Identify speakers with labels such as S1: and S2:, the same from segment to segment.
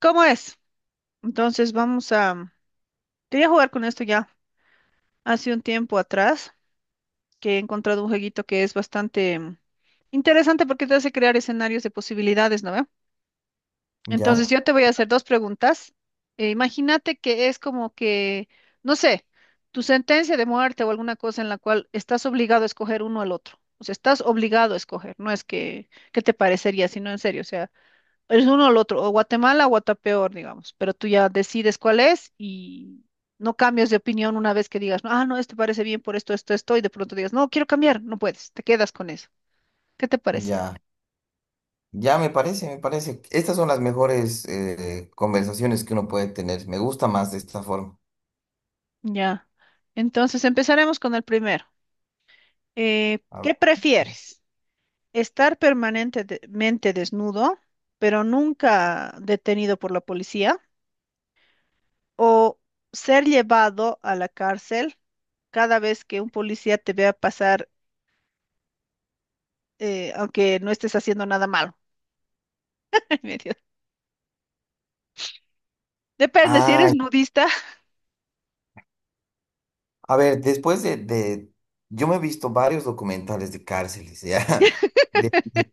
S1: ¿Cómo es? Entonces vamos a... Quería jugar con esto ya hace un tiempo atrás, que he encontrado un jueguito que es bastante interesante porque te hace crear escenarios de posibilidades, ¿no ve? Entonces
S2: Ya,
S1: yo te voy a hacer dos preguntas. Imagínate que es como que, no sé, tu sentencia de muerte o alguna cosa en la cual estás obligado a escoger uno al otro. O sea, estás obligado a escoger, no es que te parecería, sino en serio. O sea, es uno o el otro, o Guatemala o Guatapeor, digamos, pero tú ya decides cuál es y no cambias de opinión una vez que digas, no, ah, no, este parece bien por esto, esto, esto, y de pronto digas, no, quiero cambiar, no puedes, te quedas con eso. ¿Qué te parece?
S2: ya, ya, me parece, me parece. Estas son las mejores conversaciones que uno puede tener. Me gusta más de esta forma.
S1: Ya. Entonces empezaremos con el primero.
S2: A ver,
S1: ¿Qué prefieres? ¿Estar permanentemente desnudo, pero nunca detenido por la policía? ¿O ser llevado a la cárcel cada vez que un policía te vea pasar aunque no estés haciendo nada malo? Me dio- Depende, si eres
S2: ay,
S1: nudista.
S2: a ver, yo me he visto varios documentales de cárceles, ¿ya? De- de-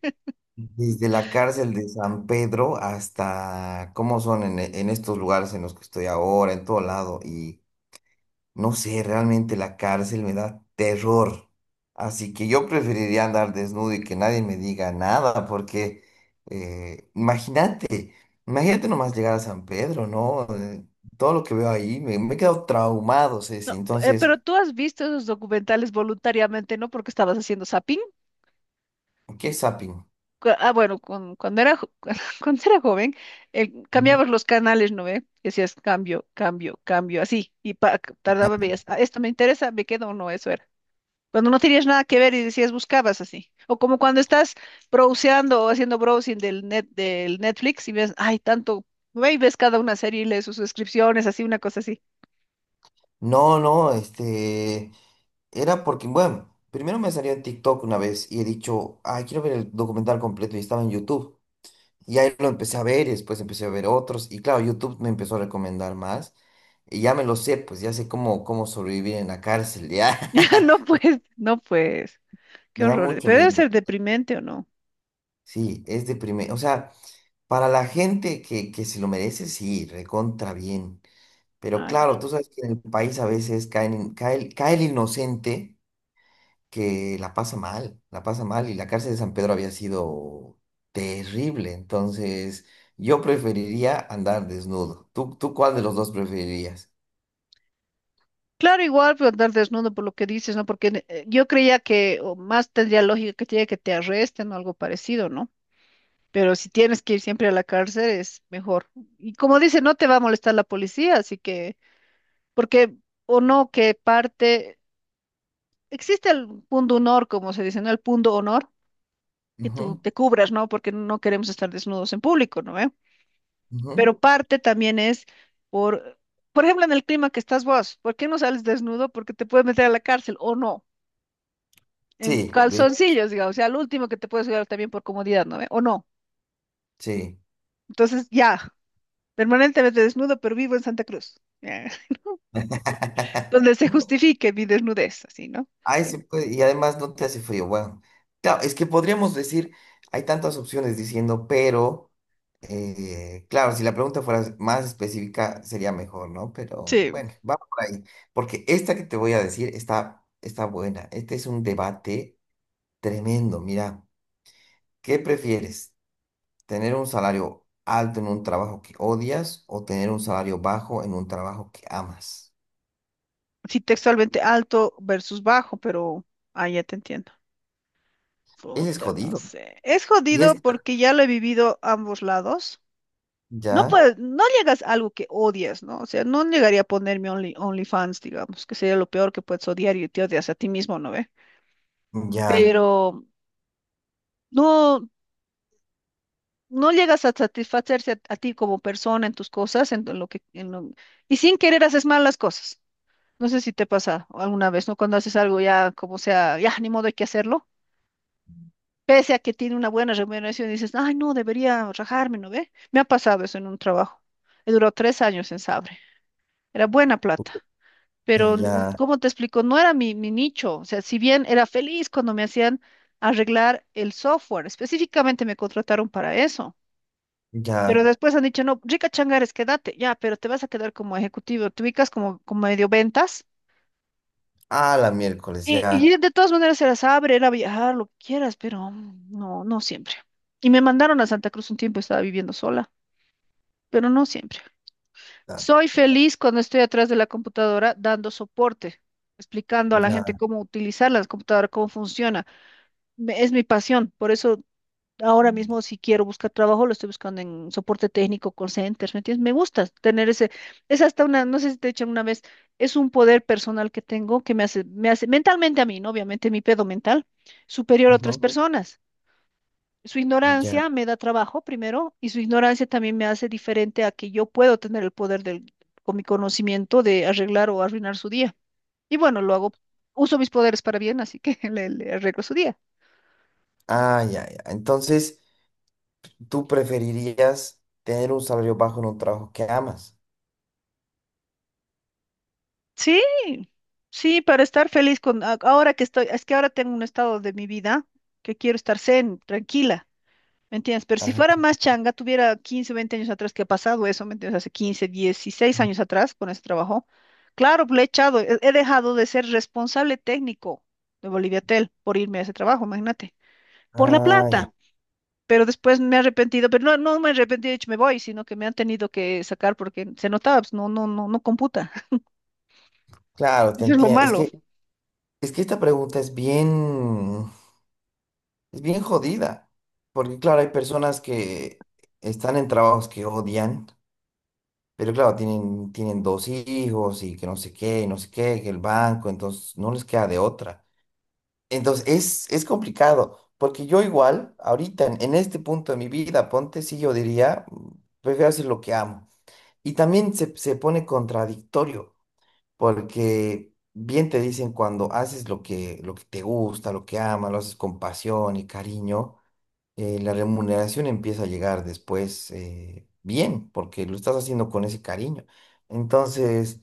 S2: desde la cárcel de San Pedro hasta cómo son en estos lugares en los que estoy ahora, en todo lado. No sé, realmente la cárcel me da terror. Así que yo preferiría andar desnudo y que nadie me diga nada, porque imagínate, imagínate nomás llegar a San Pedro, ¿no? Todo lo que veo ahí, me he quedado traumado, Ceci.
S1: No,
S2: Entonces,
S1: pero tú has visto esos documentales voluntariamente, ¿no? Porque estabas haciendo zapping.
S2: ¿qué es zapping?
S1: Ah, bueno, cuando era, cuando era joven,
S2: Ujú.
S1: cambiabas los canales, ¿no ve? Decías cambio, cambio, cambio, así, y tardaba, veías, "Ah, esto me interesa, me quedo o no", eso era. Cuando no tenías nada que ver y decías buscabas así. O como cuando estás browseando o haciendo browsing del net, del Netflix, y ves, ay, tanto, ve y ves cada una serie y lees sus suscripciones, así, una cosa así.
S2: No, no, este, era porque, bueno, primero me salió en TikTok una vez y he dicho, ay, quiero ver el documental completo y estaba en YouTube. Y ahí lo empecé a ver y después empecé a ver otros. Y claro, YouTube me empezó a recomendar más. Y ya me lo sé, pues ya sé cómo, cómo sobrevivir en la cárcel. Ya
S1: Ya. No pues, qué
S2: me da
S1: horror.
S2: mucho
S1: Pero debe
S2: miedo.
S1: ser deprimente o no.
S2: Sí, es deprimente. O sea, para la gente que se lo merece, sí, recontra bien. Pero
S1: Ah, ya.
S2: claro, tú sabes que en el país a veces caen, cae, cae el inocente que la pasa mal y la cárcel de San Pedro había sido terrible, entonces yo preferiría andar desnudo. ¿Tú, tú cuál de los dos preferirías?
S1: Claro, igual, pero andar desnudo por lo que dices, ¿no? Porque yo creía que o más tendría lógica que te arresten o algo parecido, ¿no? Pero si tienes que ir siempre a la cárcel, es mejor. Y como dice, no te va a molestar la policía, así que, porque, o no, que parte, existe el punto honor, como se dice, ¿no? El punto honor, que tú
S2: Ujú,
S1: te cubras, ¿no? Porque no queremos estar desnudos en público, ¿no ve?
S2: ujú.
S1: Pero parte también es por, por ejemplo, en el clima que estás vos, ¿por qué no sales desnudo? Porque te puedes meter a la cárcel, o no, en
S2: Sí, de,
S1: calzoncillos, digamos, o sea, al último que te puedes llevar también por comodidad, ¿no ve? O no.
S2: sí.
S1: Entonces, ya, permanentemente desnudo, pero vivo en Santa Cruz, donde se justifique mi desnudez, así, ¿no?
S2: Ahí se puede, y además no te hace frío. Bueno, claro, es que podríamos decir, hay tantas opciones diciendo, pero, claro, si la pregunta fuera más específica sería mejor, ¿no? Pero
S1: Sí,
S2: bueno, vamos por ahí, porque esta que te voy a decir está buena. Este es un debate tremendo. Mira, ¿qué prefieres? ¿Tener un salario alto en un trabajo que odias o tener un salario bajo en un trabajo que amas?
S1: sí, textualmente alto versus bajo, pero ah, ya te entiendo.
S2: Ese es
S1: Puta, no
S2: jodido.
S1: sé. Es
S2: Y es,
S1: jodido porque ya lo he vivido ambos lados. No
S2: ya,
S1: puedes, no llegas a algo que odias, ¿no? O sea, no llegaría a ponerme only, OnlyFans, digamos, que sería lo peor que puedes odiar y te odias a ti mismo, ¿no ve?
S2: ya,
S1: Pero no, no llegas a satisfacerse a ti como persona en tus cosas, en lo que, y sin querer haces mal las cosas. No sé si te pasa alguna vez, ¿no? Cuando haces algo ya, como sea, ya, ni modo hay que hacerlo, pese a que tiene una buena remuneración, dices, ay, no, debería rajarme, ¿no ve? Me ha pasado eso en un trabajo. He durado 3 años en Sabre. Era buena plata, pero,
S2: ya.
S1: ¿cómo te explico? No era mi nicho. O sea, si bien era feliz cuando me hacían arreglar el software, específicamente me contrataron para eso. Pero
S2: Ya.
S1: después han dicho, no, rica changares, quédate, ya, pero te vas a quedar como ejecutivo, te ubicas como, como medio ventas.
S2: Ah, la miércoles,
S1: Y,
S2: ya.
S1: y de todas maneras se las abre, era viajar, lo que quieras, pero no, no siempre. Y me mandaron a Santa Cruz un tiempo, estaba viviendo sola, pero no siempre.
S2: Ya.
S1: Soy feliz cuando estoy atrás de la computadora dando soporte, explicando a la gente
S2: Ya.
S1: cómo utilizar la computadora, cómo funciona. Es mi pasión, por eso ahora mismo, si quiero buscar trabajo, lo estoy buscando en soporte técnico, call centers, ¿me entiendes? Me gusta tener ese, es hasta una, no sé si te he dicho una vez, es un poder personal que tengo que me hace, mentalmente a mí, ¿no? Obviamente mi pedo mental, superior a otras
S2: ujú,
S1: personas. Su
S2: Ya.
S1: ignorancia me da trabajo primero y su ignorancia también me hace diferente a que yo puedo tener el poder del, con mi conocimiento de arreglar o arruinar su día. Y bueno, lo hago, uso mis poderes para bien, así que le arreglo su día.
S2: Ah, ya, ya. Entonces, ¿tú preferirías tener un salario bajo en un trabajo que amas?
S1: Sí, sí, para estar feliz con ahora que estoy, es que ahora tengo un estado de mi vida que quiero estar zen, tranquila, ¿me entiendes? Pero si fuera
S2: Ah,
S1: más changa, tuviera 15, 20 años atrás que ha pasado eso, ¿me entiendes? Hace 15, 16 años atrás con ese trabajo. Claro, le he echado, he dejado de ser responsable técnico de Boliviatel por irme a ese trabajo, imagínate, por la
S2: ah, ya.
S1: plata. Pero después me he arrepentido, pero no, no me he arrepentido, he dicho, me voy, sino que me han tenido que sacar porque se notaba, pues, no, no, no, no computa.
S2: Claro, te
S1: Eso es lo
S2: entiendo.
S1: malo.
S2: Es que esta pregunta es bien jodida. Porque, claro, hay personas que están en trabajos que odian, pero claro, tienen dos hijos y que no sé qué, y no sé qué, que el banco, entonces no les queda de otra. Entonces, es complicado, porque yo igual, ahorita, en este punto de mi vida, ponte, sí, yo diría, prefiero hacer lo que amo. Y también se pone contradictorio, porque bien te dicen cuando haces lo que te gusta, lo que amas, lo haces con pasión y cariño, la remuneración empieza a llegar después bien, porque lo estás haciendo con ese cariño. Entonces...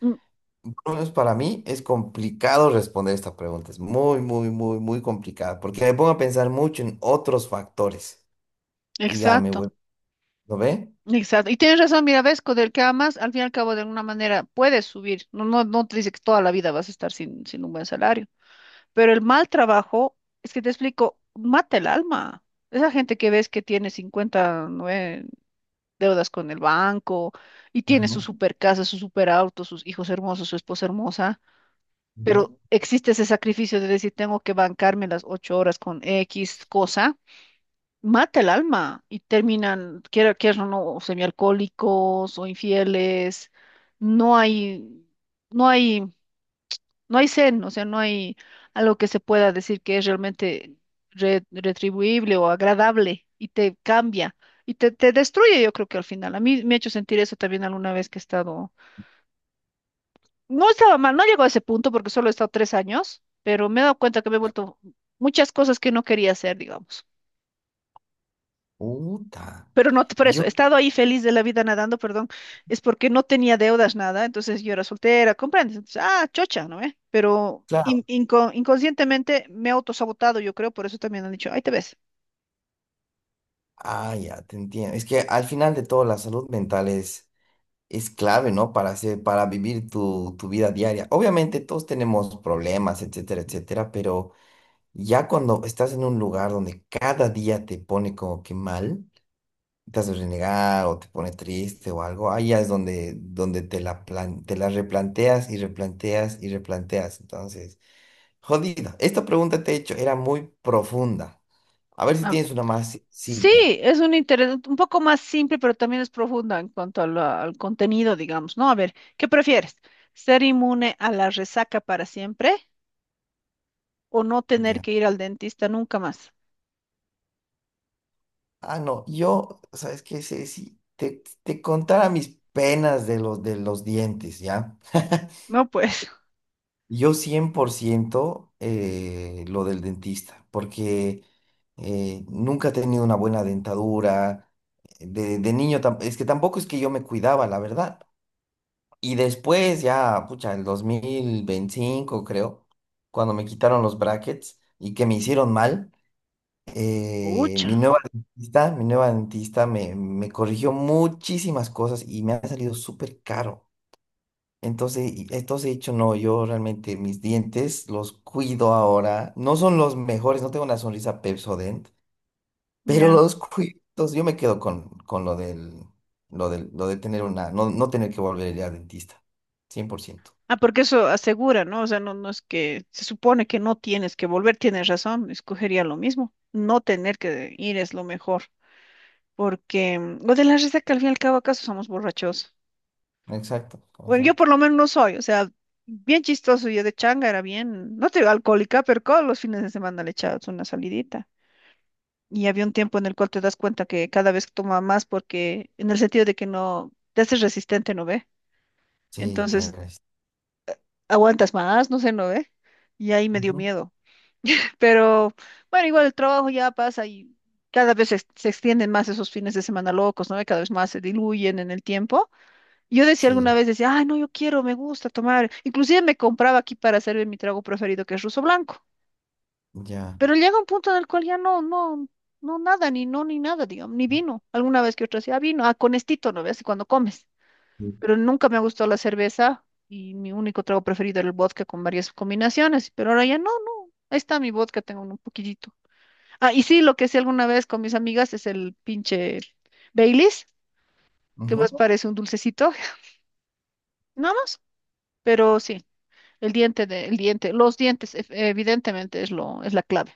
S2: Por lo menos para mí es complicado responder esta pregunta. Es muy, muy, muy, muy complicada porque me pongo a pensar mucho en otros factores y ya me
S1: Exacto,
S2: vuelvo. ¿Lo ve?
S1: exacto. Y tienes razón, mira, ves, con el que amas, al fin y al cabo, de alguna manera puedes subir. No, no, no te dice que toda la vida vas a estar sin, sin un buen salario. Pero el mal trabajo, es que te explico, mata el alma. Esa gente que ves que tiene deudas con el banco y tiene su
S2: Ujú.
S1: super casa, su super auto, sus hijos hermosos, su esposa hermosa,
S2: Ujú.
S1: pero existe ese sacrificio de decir, tengo que bancarme las 8 horas con X cosa, mata el alma y terminan, quiera, quieran o no, semialcohólicos o infieles. No hay, no hay, no hay zen, o sea, no hay algo que se pueda decir que es realmente retribuible o agradable y te cambia y te destruye, yo creo que al final. A mí me ha hecho sentir eso también alguna vez que he estado, no estaba mal, no llegó a ese punto porque solo he estado 3 años, pero me he dado cuenta que me he vuelto muchas cosas que no quería hacer, digamos.
S2: Puta.
S1: Pero no, por eso,
S2: Yo,
S1: he estado ahí feliz de la vida nadando, perdón, es porque no tenía deudas, nada, entonces yo era soltera, ¿comprendes? Entonces, ah, chocha, ¿no ve? Pero
S2: claro.
S1: inconscientemente me he autosabotado, yo creo, por eso también han dicho, ahí te ves.
S2: Ah, ya, te entiendo. Es que al final de todo la salud mental es clave, ¿no? Para hacer, para vivir tu, tu vida diaria. Obviamente todos tenemos problemas, etcétera, etcétera, pero ya cuando estás en un lugar donde cada día te pone como que mal. Te hace renegar o te pone triste o algo, ahí ya es donde, te la replanteas y replanteas y replanteas. Entonces, jodida. Esta pregunta te he hecho, era muy profunda. A ver si
S1: Ah,
S2: tienes una más
S1: sí,
S2: sencilla.
S1: es un interés un poco más simple, pero también es profunda en cuanto a la- al contenido, digamos, ¿no? A ver, ¿qué prefieres? ¿Ser inmune a la resaca para siempre o no tener
S2: Ya.
S1: que ir al dentista nunca más?
S2: Ah, no, yo, ¿sabes qué? Si te, te contara mis penas de los dientes, ¿ya?
S1: No, pues,
S2: Yo 100% lo del dentista, porque nunca he tenido una buena dentadura. De niño, es que tampoco es que yo me cuidaba, la verdad. Y después ya, pucha, el 2025 creo, cuando me quitaron los brackets y que me hicieron mal,
S1: pucha,
S2: mi nueva dentista me corrigió muchísimas cosas y me ha salido súper caro. Entonces, entonces he dicho, no, yo realmente mis dientes los cuido ahora. No son los mejores, no tengo una sonrisa Pepsodent pero
S1: ya.
S2: los cuitos, yo me quedo con lo del, lo del, lo de tener una, no, no tener que volver a ir al dentista. 100%.
S1: Ah, porque eso asegura, ¿no? O sea, no, no es que se supone que no tienes que volver, tienes razón, escogería lo mismo. No tener que ir es lo mejor, porque lo de la risa que al fin y al cabo acaso somos borrachos.
S2: Exacto,
S1: Bueno, yo por
S2: exacto.
S1: lo menos no soy, o sea, bien chistoso, yo de changa era bien, no te digo alcohólica, pero todos los fines de semana le echabas una salidita. Y había un tiempo en el cual te das cuenta que cada vez toma más porque, en el sentido de que no, te haces resistente, ¿no ve?
S2: Sí, te
S1: Entonces,
S2: agradezco.
S1: aguantas más, no sé, ¿no ve? Y ahí me dio
S2: Ujú,
S1: miedo. Pero bueno, igual el trabajo ya pasa y cada vez se, se extienden más esos fines de semana locos, ¿no? Y cada vez más se diluyen en el tiempo. Yo decía alguna
S2: sí,
S1: vez, decía, ay, no, yo quiero, me gusta tomar. Inclusive me compraba aquí para hacerme mi trago preferido, que es ruso blanco.
S2: ya.
S1: Pero llega un punto en el cual ya no, no, no nada, ni no, ni nada, digamos, ni vino. Alguna vez que otra decía, "Ah, vino, ah, con estito", ¿no ves? Cuando comes. Pero nunca me ha gustado la cerveza y mi único trago preferido era el vodka con varias combinaciones. Pero ahora ya no, no. Ahí está mi vodka, tengo un poquitito. Ah, y sí, lo que hacía alguna vez con mis amigas es el pinche Baileys, que
S2: Ujú.
S1: más parece un dulcecito, nada más, pero sí, el diente de, el diente, los dientes, evidentemente es lo, es la clave.